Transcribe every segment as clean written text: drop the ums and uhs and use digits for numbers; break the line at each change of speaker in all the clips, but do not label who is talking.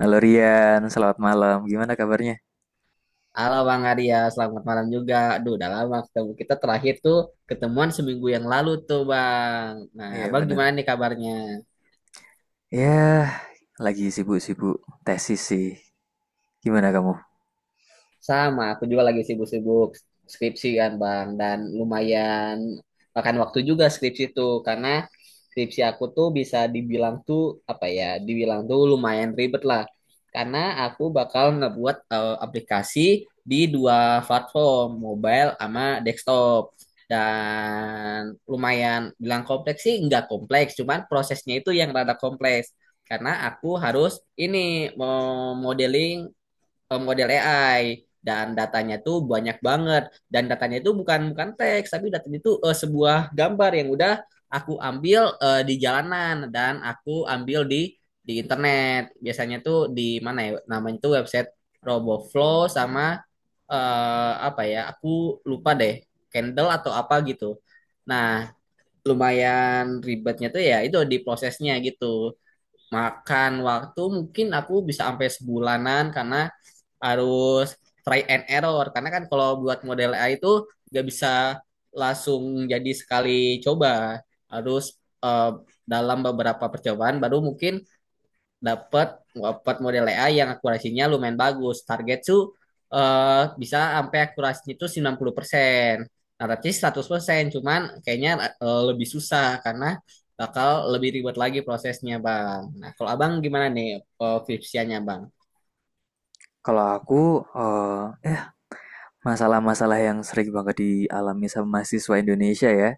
Halo Rian, selamat malam. Gimana kabarnya?
Halo Bang Arya, selamat malam juga. Aduh, udah lama ketemu. Kita terakhir tuh ketemuan seminggu yang lalu tuh Bang. Nah,
Iya
Bang
bener.
gimana nih kabarnya?
Ya, lagi sibuk-sibuk tesis sih. Gimana kamu?
Sama, aku juga lagi sibuk-sibuk skripsi kan Bang dan lumayan makan waktu juga skripsi itu karena skripsi aku tuh bisa dibilang tuh apa ya, dibilang tuh lumayan ribet lah. Karena aku bakal ngebuat aplikasi di dua platform, mobile sama desktop. Dan lumayan bilang kompleks sih nggak kompleks, cuman prosesnya itu yang rada kompleks. Karena aku harus ini mau modeling model AI dan datanya tuh banyak banget, dan datanya itu bukan bukan teks, tapi datanya itu sebuah gambar yang udah aku ambil di jalanan, dan aku ambil di internet biasanya tuh di mana ya namanya tuh website RoboFlow sama apa ya, aku lupa deh, Candle atau apa gitu. Nah, lumayan ribetnya tuh ya itu di prosesnya gitu, makan waktu mungkin aku bisa sampai sebulanan, karena harus try and error, karena kan kalau buat model AI itu nggak bisa langsung jadi sekali coba, harus eh, dalam beberapa percobaan baru mungkin dapat dapat model AI yang akurasinya lumayan bagus. Target tuh bisa sampai akurasinya itu 90%. Nah, tapi 100% cuman kayaknya lebih susah karena bakal lebih ribet lagi prosesnya, Bang. Nah, kalau Abang gimana nih Vipsianya, Bang?
Kalau aku, eh, eh, masalah-masalah yang sering banget dialami sama mahasiswa Indonesia ya.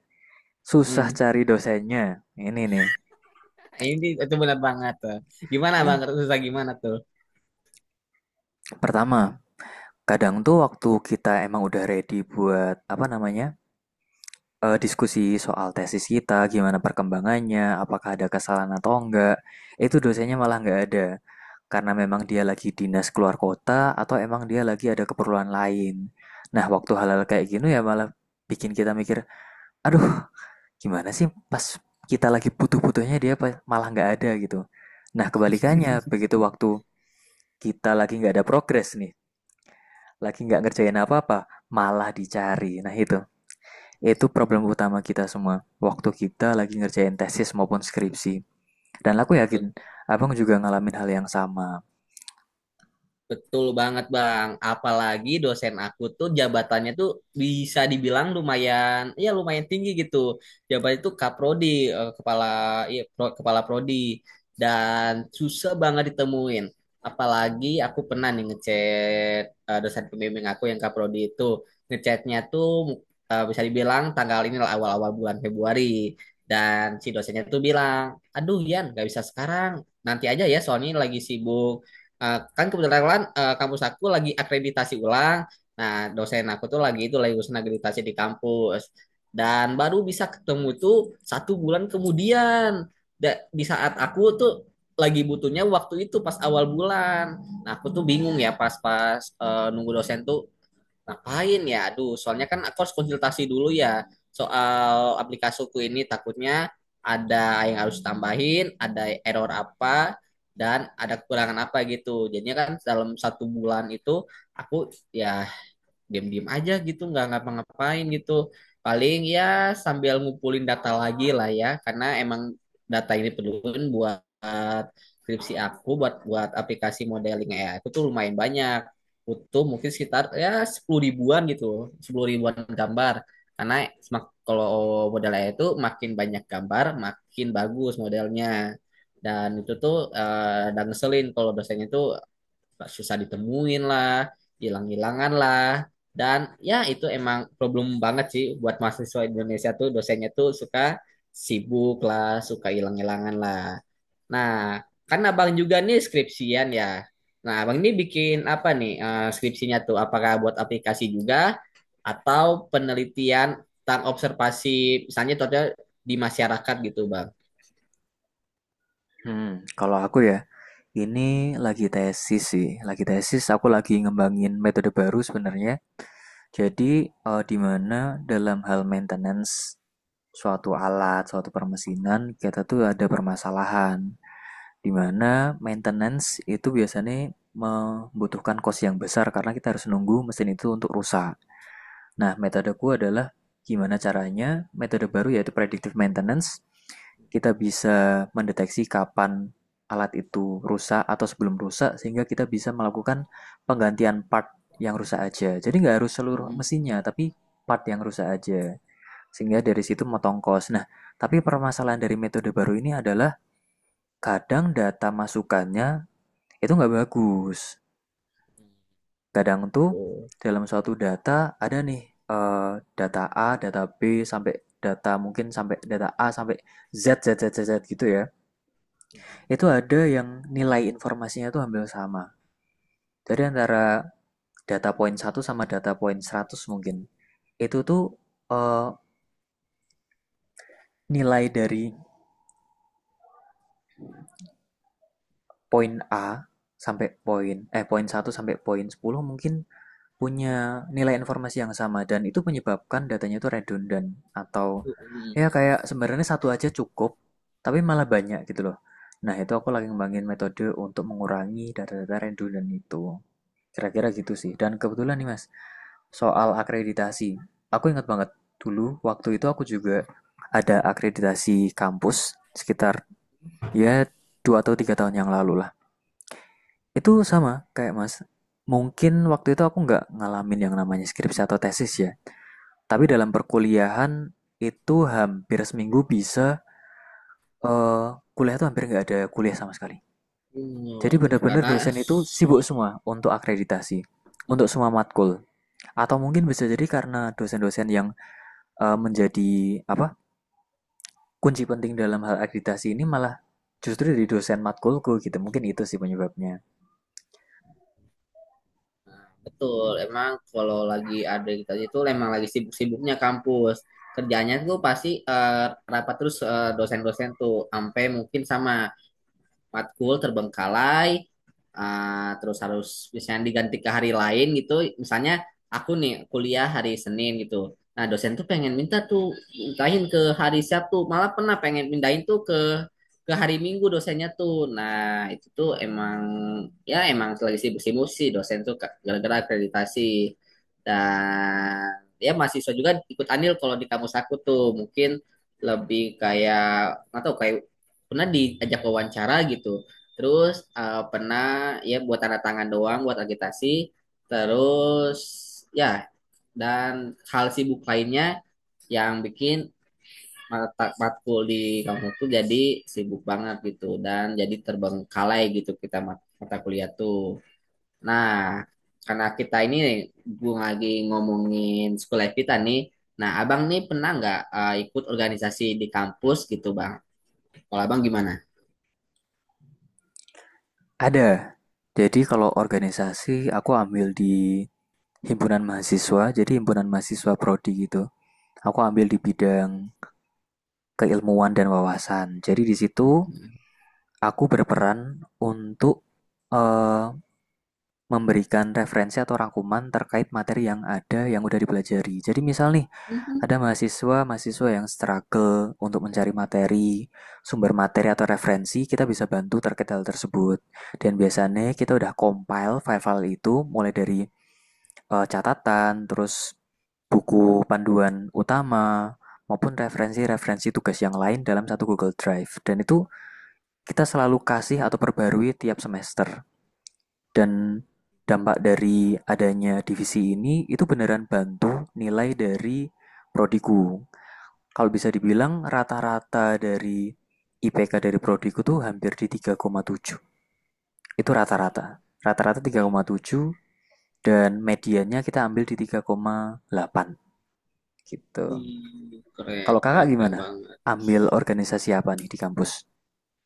Susah
Mm.
cari dosennya. Ini nih.
Ini itu benar banget tuh. Gimana, Bang?
Ini
Susah gimana tuh?
pertama, kadang tuh waktu kita emang udah ready buat apa namanya? Diskusi soal tesis kita, gimana perkembangannya, apakah ada kesalahan atau enggak. Itu dosennya malah enggak ada. Karena memang dia lagi dinas keluar kota atau emang dia lagi ada keperluan lain. Nah, waktu hal-hal kayak gini ya malah bikin kita mikir, aduh, gimana sih pas kita lagi butuh-butuhnya dia malah enggak ada gitu. Nah, kebalikannya, begitu waktu kita lagi enggak ada progres nih, lagi enggak ngerjain apa-apa, malah dicari. Nah, itu. Itu problem utama kita semua, waktu kita lagi ngerjain tesis maupun skripsi. Dan aku yakin, abang juga ngalamin hal yang sama.
Betul banget Bang. Apalagi dosen aku tuh jabatannya tuh bisa dibilang lumayan, ya lumayan tinggi gitu. Jabatannya tuh kaprodi, kepala, iya, kepala prodi, dan susah banget ditemuin. Apalagi aku pernah nih ngechat dosen pembimbing aku yang kaprodi itu, ngechatnya tuh bisa dibilang tanggal ini lah awal-awal bulan Februari. Dan si dosennya tuh bilang, aduh Yan, gak bisa sekarang, nanti aja ya, Sony lagi sibuk, kan kebetulan kampus aku lagi akreditasi ulang. Nah, dosen aku tuh lagi itu lagi urusan akreditasi di kampus. Dan baru bisa ketemu tuh satu bulan kemudian. Di saat aku tuh lagi butuhnya waktu itu pas awal bulan. Nah, aku tuh bingung ya pas-pas nunggu dosen tuh, ngapain ya? Aduh, soalnya kan aku harus konsultasi dulu ya soal aplikasiku ini, takutnya ada yang harus tambahin, ada error apa, dan ada kekurangan apa gitu. Jadinya kan dalam satu bulan itu aku ya diam-diam aja gitu, nggak ngapa-ngapain gitu, paling ya sambil ngumpulin data lagi lah ya, karena emang data ini perluin buat skripsi aku buat buat aplikasi modeling AI aku tuh lumayan banyak, butuh mungkin sekitar ya sepuluh ribuan gitu, sepuluh ribuan gambar, karena kalau model AI itu makin banyak gambar makin bagus modelnya. Dan itu tuh dan ngeselin kalau dosennya tuh susah ditemuin lah, hilang-hilangan lah. Dan ya itu emang problem banget sih buat mahasiswa Indonesia, tuh dosennya tuh suka sibuk lah, suka hilang-hilangan lah. Nah, kan abang juga nih skripsian ya. Nah, abang ini bikin apa nih skripsinya tuh? Apakah buat aplikasi juga atau penelitian tentang observasi misalnya contohnya di masyarakat gitu, Bang?
Hmm, kalau aku ya, ini lagi tesis sih, lagi tesis aku lagi ngembangin metode baru sebenarnya. Jadi di mana dalam hal maintenance suatu alat, suatu permesinan kita tuh ada permasalahan. Di mana maintenance itu biasanya membutuhkan cost yang besar karena kita harus nunggu mesin itu untuk rusak. Nah, metodeku adalah gimana caranya metode baru yaitu predictive maintenance. Kita bisa mendeteksi kapan alat itu rusak atau sebelum rusak sehingga kita bisa melakukan penggantian part yang rusak aja. Jadi nggak harus seluruh
Mm-mm.
mesinnya, tapi part yang rusak aja. Sehingga dari situ motong kos. Nah, tapi permasalahan dari metode baru ini adalah kadang data masukannya itu nggak bagus. Kadang tuh
Tuh.
dalam suatu data ada nih data A, data B sampai data mungkin sampai data A sampai Z Z Z Z, Z gitu ya. Itu ada yang nilai informasinya tuh hampir sama. Jadi antara data point 1 sama data point 100 mungkin. Itu tuh eh, nilai dari poin A sampai poin poin 1 sampai poin 10 mungkin punya nilai informasi yang sama dan itu menyebabkan datanya itu redundant atau
Mm.
ya kayak sebenarnya satu aja cukup tapi malah banyak gitu loh. Nah, itu aku lagi ngembangin metode untuk mengurangi data-data redundant itu. Kira-kira gitu sih. Dan kebetulan nih Mas, soal akreditasi. Aku ingat banget dulu waktu itu aku juga ada akreditasi kampus sekitar ya 2 atau 3 tahun yang lalu lah. Itu sama kayak Mas. Mungkin waktu itu aku nggak ngalamin yang namanya skripsi atau tesis ya. Tapi dalam perkuliahan itu hampir seminggu bisa, kuliah tuh hampir nggak ada kuliah sama sekali. Jadi
Oh, betul.
benar-benar
Karena
dosen itu sibuk semua untuk akreditasi, untuk semua matkul. Atau mungkin bisa jadi karena dosen-dosen yang, menjadi apa, kunci penting dalam hal akreditasi ini malah justru dari dosen matkulku gitu, mungkin itu sih penyebabnya.
betul, emang kalau lagi ada kita itu emang lagi sibuk-sibuknya kampus. Kerjanya tuh pasti rapat terus, dosen-dosen tuh sampai mungkin sama matkul terbengkalai, terus harus misalnya diganti ke hari lain gitu. Misalnya aku nih kuliah hari Senin gitu. Nah, dosen tuh pengen minta tuh pindahin ke hari Sabtu, malah pernah pengen pindahin tuh ke hari Minggu dosennya tuh. Nah, itu tuh emang ya emang lagi sibuk-sibuk sih dosen tuh Kak, gara-gara akreditasi. Dan ya mahasiswa juga ikut andil, kalau di kampus aku tuh mungkin lebih kayak nggak tahu kayak pernah diajak wawancara gitu. Terus pernah ya buat tanda tangan doang buat agitasi. Terus ya dan hal sibuk lainnya yang bikin mata matkul di kampus tuh jadi sibuk banget gitu dan jadi terbengkalai gitu kita mata kuliah tuh. Nah, karena kita ini gue lagi ngomongin sekolah kita nih. Nah, abang nih pernah nggak ikut organisasi di kampus gitu, bang? Kalau abang gimana?
Ada, jadi kalau organisasi aku ambil di himpunan mahasiswa, jadi himpunan mahasiswa prodi gitu. Aku ambil di bidang keilmuan dan wawasan. Jadi di situ aku berperan untuk, eee, memberikan referensi atau rangkuman terkait materi yang ada yang udah dipelajari. Jadi misal nih,
Mhm.
ada mahasiswa-mahasiswa yang struggle untuk mencari materi, sumber materi atau referensi, kita bisa bantu terkait hal tersebut. Dan biasanya kita udah compile file-file itu mulai dari catatan, terus buku panduan utama, maupun referensi-referensi tugas yang lain dalam satu Google Drive. Dan itu kita selalu kasih atau perbarui tiap semester. Dan dampak dari adanya divisi ini itu beneran bantu nilai dari prodiku. Kalau bisa dibilang rata-rata dari IPK dari prodiku tuh hampir di 3,7. Itu rata-rata. Rata-rata 3,7 dan mediannya kita ambil di 3,8. Gitu.
Wih, keren,
Kalau kakak
keren, keren
gimana?
banget.
Ambil organisasi apa nih di kampus?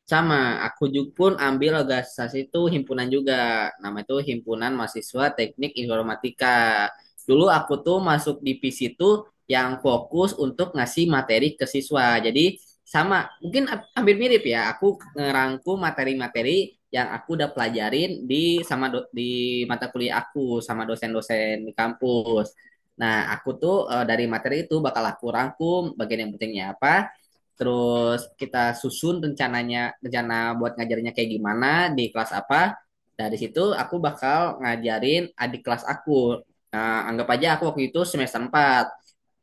Sama, aku juga pun ambil organisasi itu himpunan juga. Nama itu Himpunan Mahasiswa Teknik Informatika. Dulu aku tuh masuk divisi itu yang fokus untuk ngasih materi ke siswa. Jadi sama, mungkin hampir mirip ya. Aku ngerangkum materi-materi yang aku udah pelajarin di sama di mata kuliah aku sama dosen-dosen di kampus. Nah, aku tuh dari materi itu bakal aku rangkum bagian yang pentingnya apa, terus kita susun rencana buat ngajarnya kayak gimana di kelas apa, dari situ aku bakal ngajarin adik kelas aku. Nah, anggap aja aku waktu itu semester empat,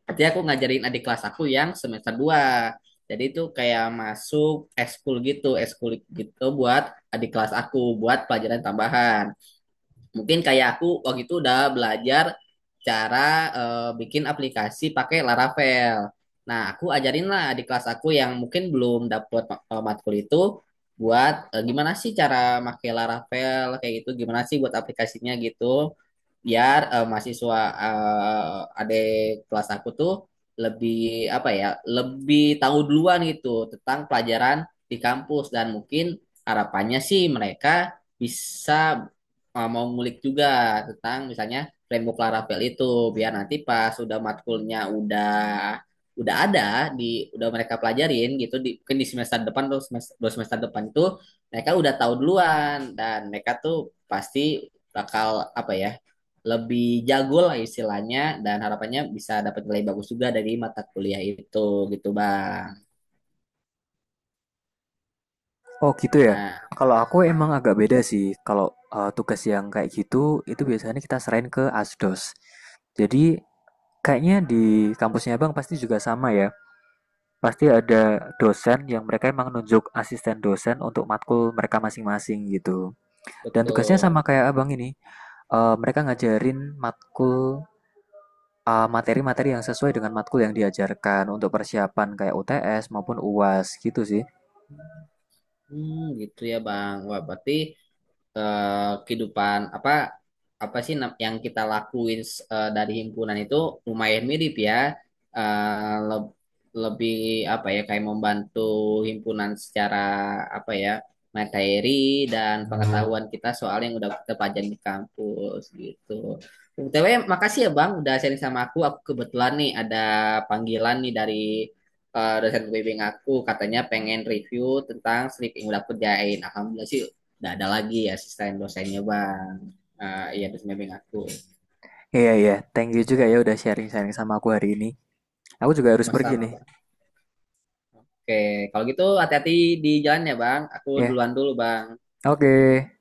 berarti aku ngajarin adik kelas aku yang semester dua, jadi itu kayak masuk eskul gitu, eskul gitu buat adik kelas aku buat pelajaran tambahan. Mungkin kayak aku waktu itu udah belajar cara bikin aplikasi pakai Laravel. Nah, aku ajarin lah di kelas aku yang mungkin belum dapet matkul itu buat gimana sih cara pakai Laravel kayak gitu, gimana sih buat aplikasinya gitu biar mahasiswa adik kelas aku tuh lebih apa ya, lebih tahu duluan gitu tentang pelajaran di kampus, dan mungkin harapannya sih mereka bisa mau ngulik juga tentang misalnya framework Laravel itu biar nanti pas udah matkulnya udah ada di udah mereka pelajarin gitu di, mungkin di semester depan atau semester, dua semester depan itu mereka udah tahu duluan, dan mereka tuh pasti bakal apa ya, lebih jago lah istilahnya, dan harapannya bisa dapat nilai bagus juga dari mata kuliah itu gitu bang.
Oh gitu ya.
Nah
Kalau aku emang agak beda sih. Kalau tugas yang kayak gitu itu biasanya kita serahin ke ASDOS. Jadi kayaknya di kampusnya Bang pasti juga sama ya. Pasti ada dosen yang mereka emang nunjuk asisten dosen untuk matkul mereka masing-masing gitu. Dan tugasnya sama
betul.
kayak Abang ini. Mereka ngajarin matkul materi-materi yang sesuai dengan matkul yang diajarkan untuk persiapan kayak UTS maupun UAS gitu sih.
Hmm, gitu ya bang. Wah berarti kehidupan apa apa sih yang kita lakuin dari himpunan itu lumayan mirip ya. Eh, le- lebih apa ya, kayak membantu himpunan secara apa ya, materi dan, hmm, pengetahuan kita soal yang udah kita pelajari di kampus gitu. BTW, makasih ya Bang udah sharing sama aku. Aku kebetulan nih ada panggilan nih dari dosen pembimbing aku katanya pengen review tentang slip yang udah aku kerjain. Alhamdulillah sih. Nggak ada lagi asisten dosennya bang. Ah, iya dosen bimbing aku.
Iya iya, thank you juga ya udah sharing-sharing sama aku hari ini. Aku juga harus pergi
Sama-sama
nih.
bang. Oke, kalau gitu hati-hati di jalan ya bang. Aku
Ya. Yeah.
duluan dulu bang.
Oke. Okay.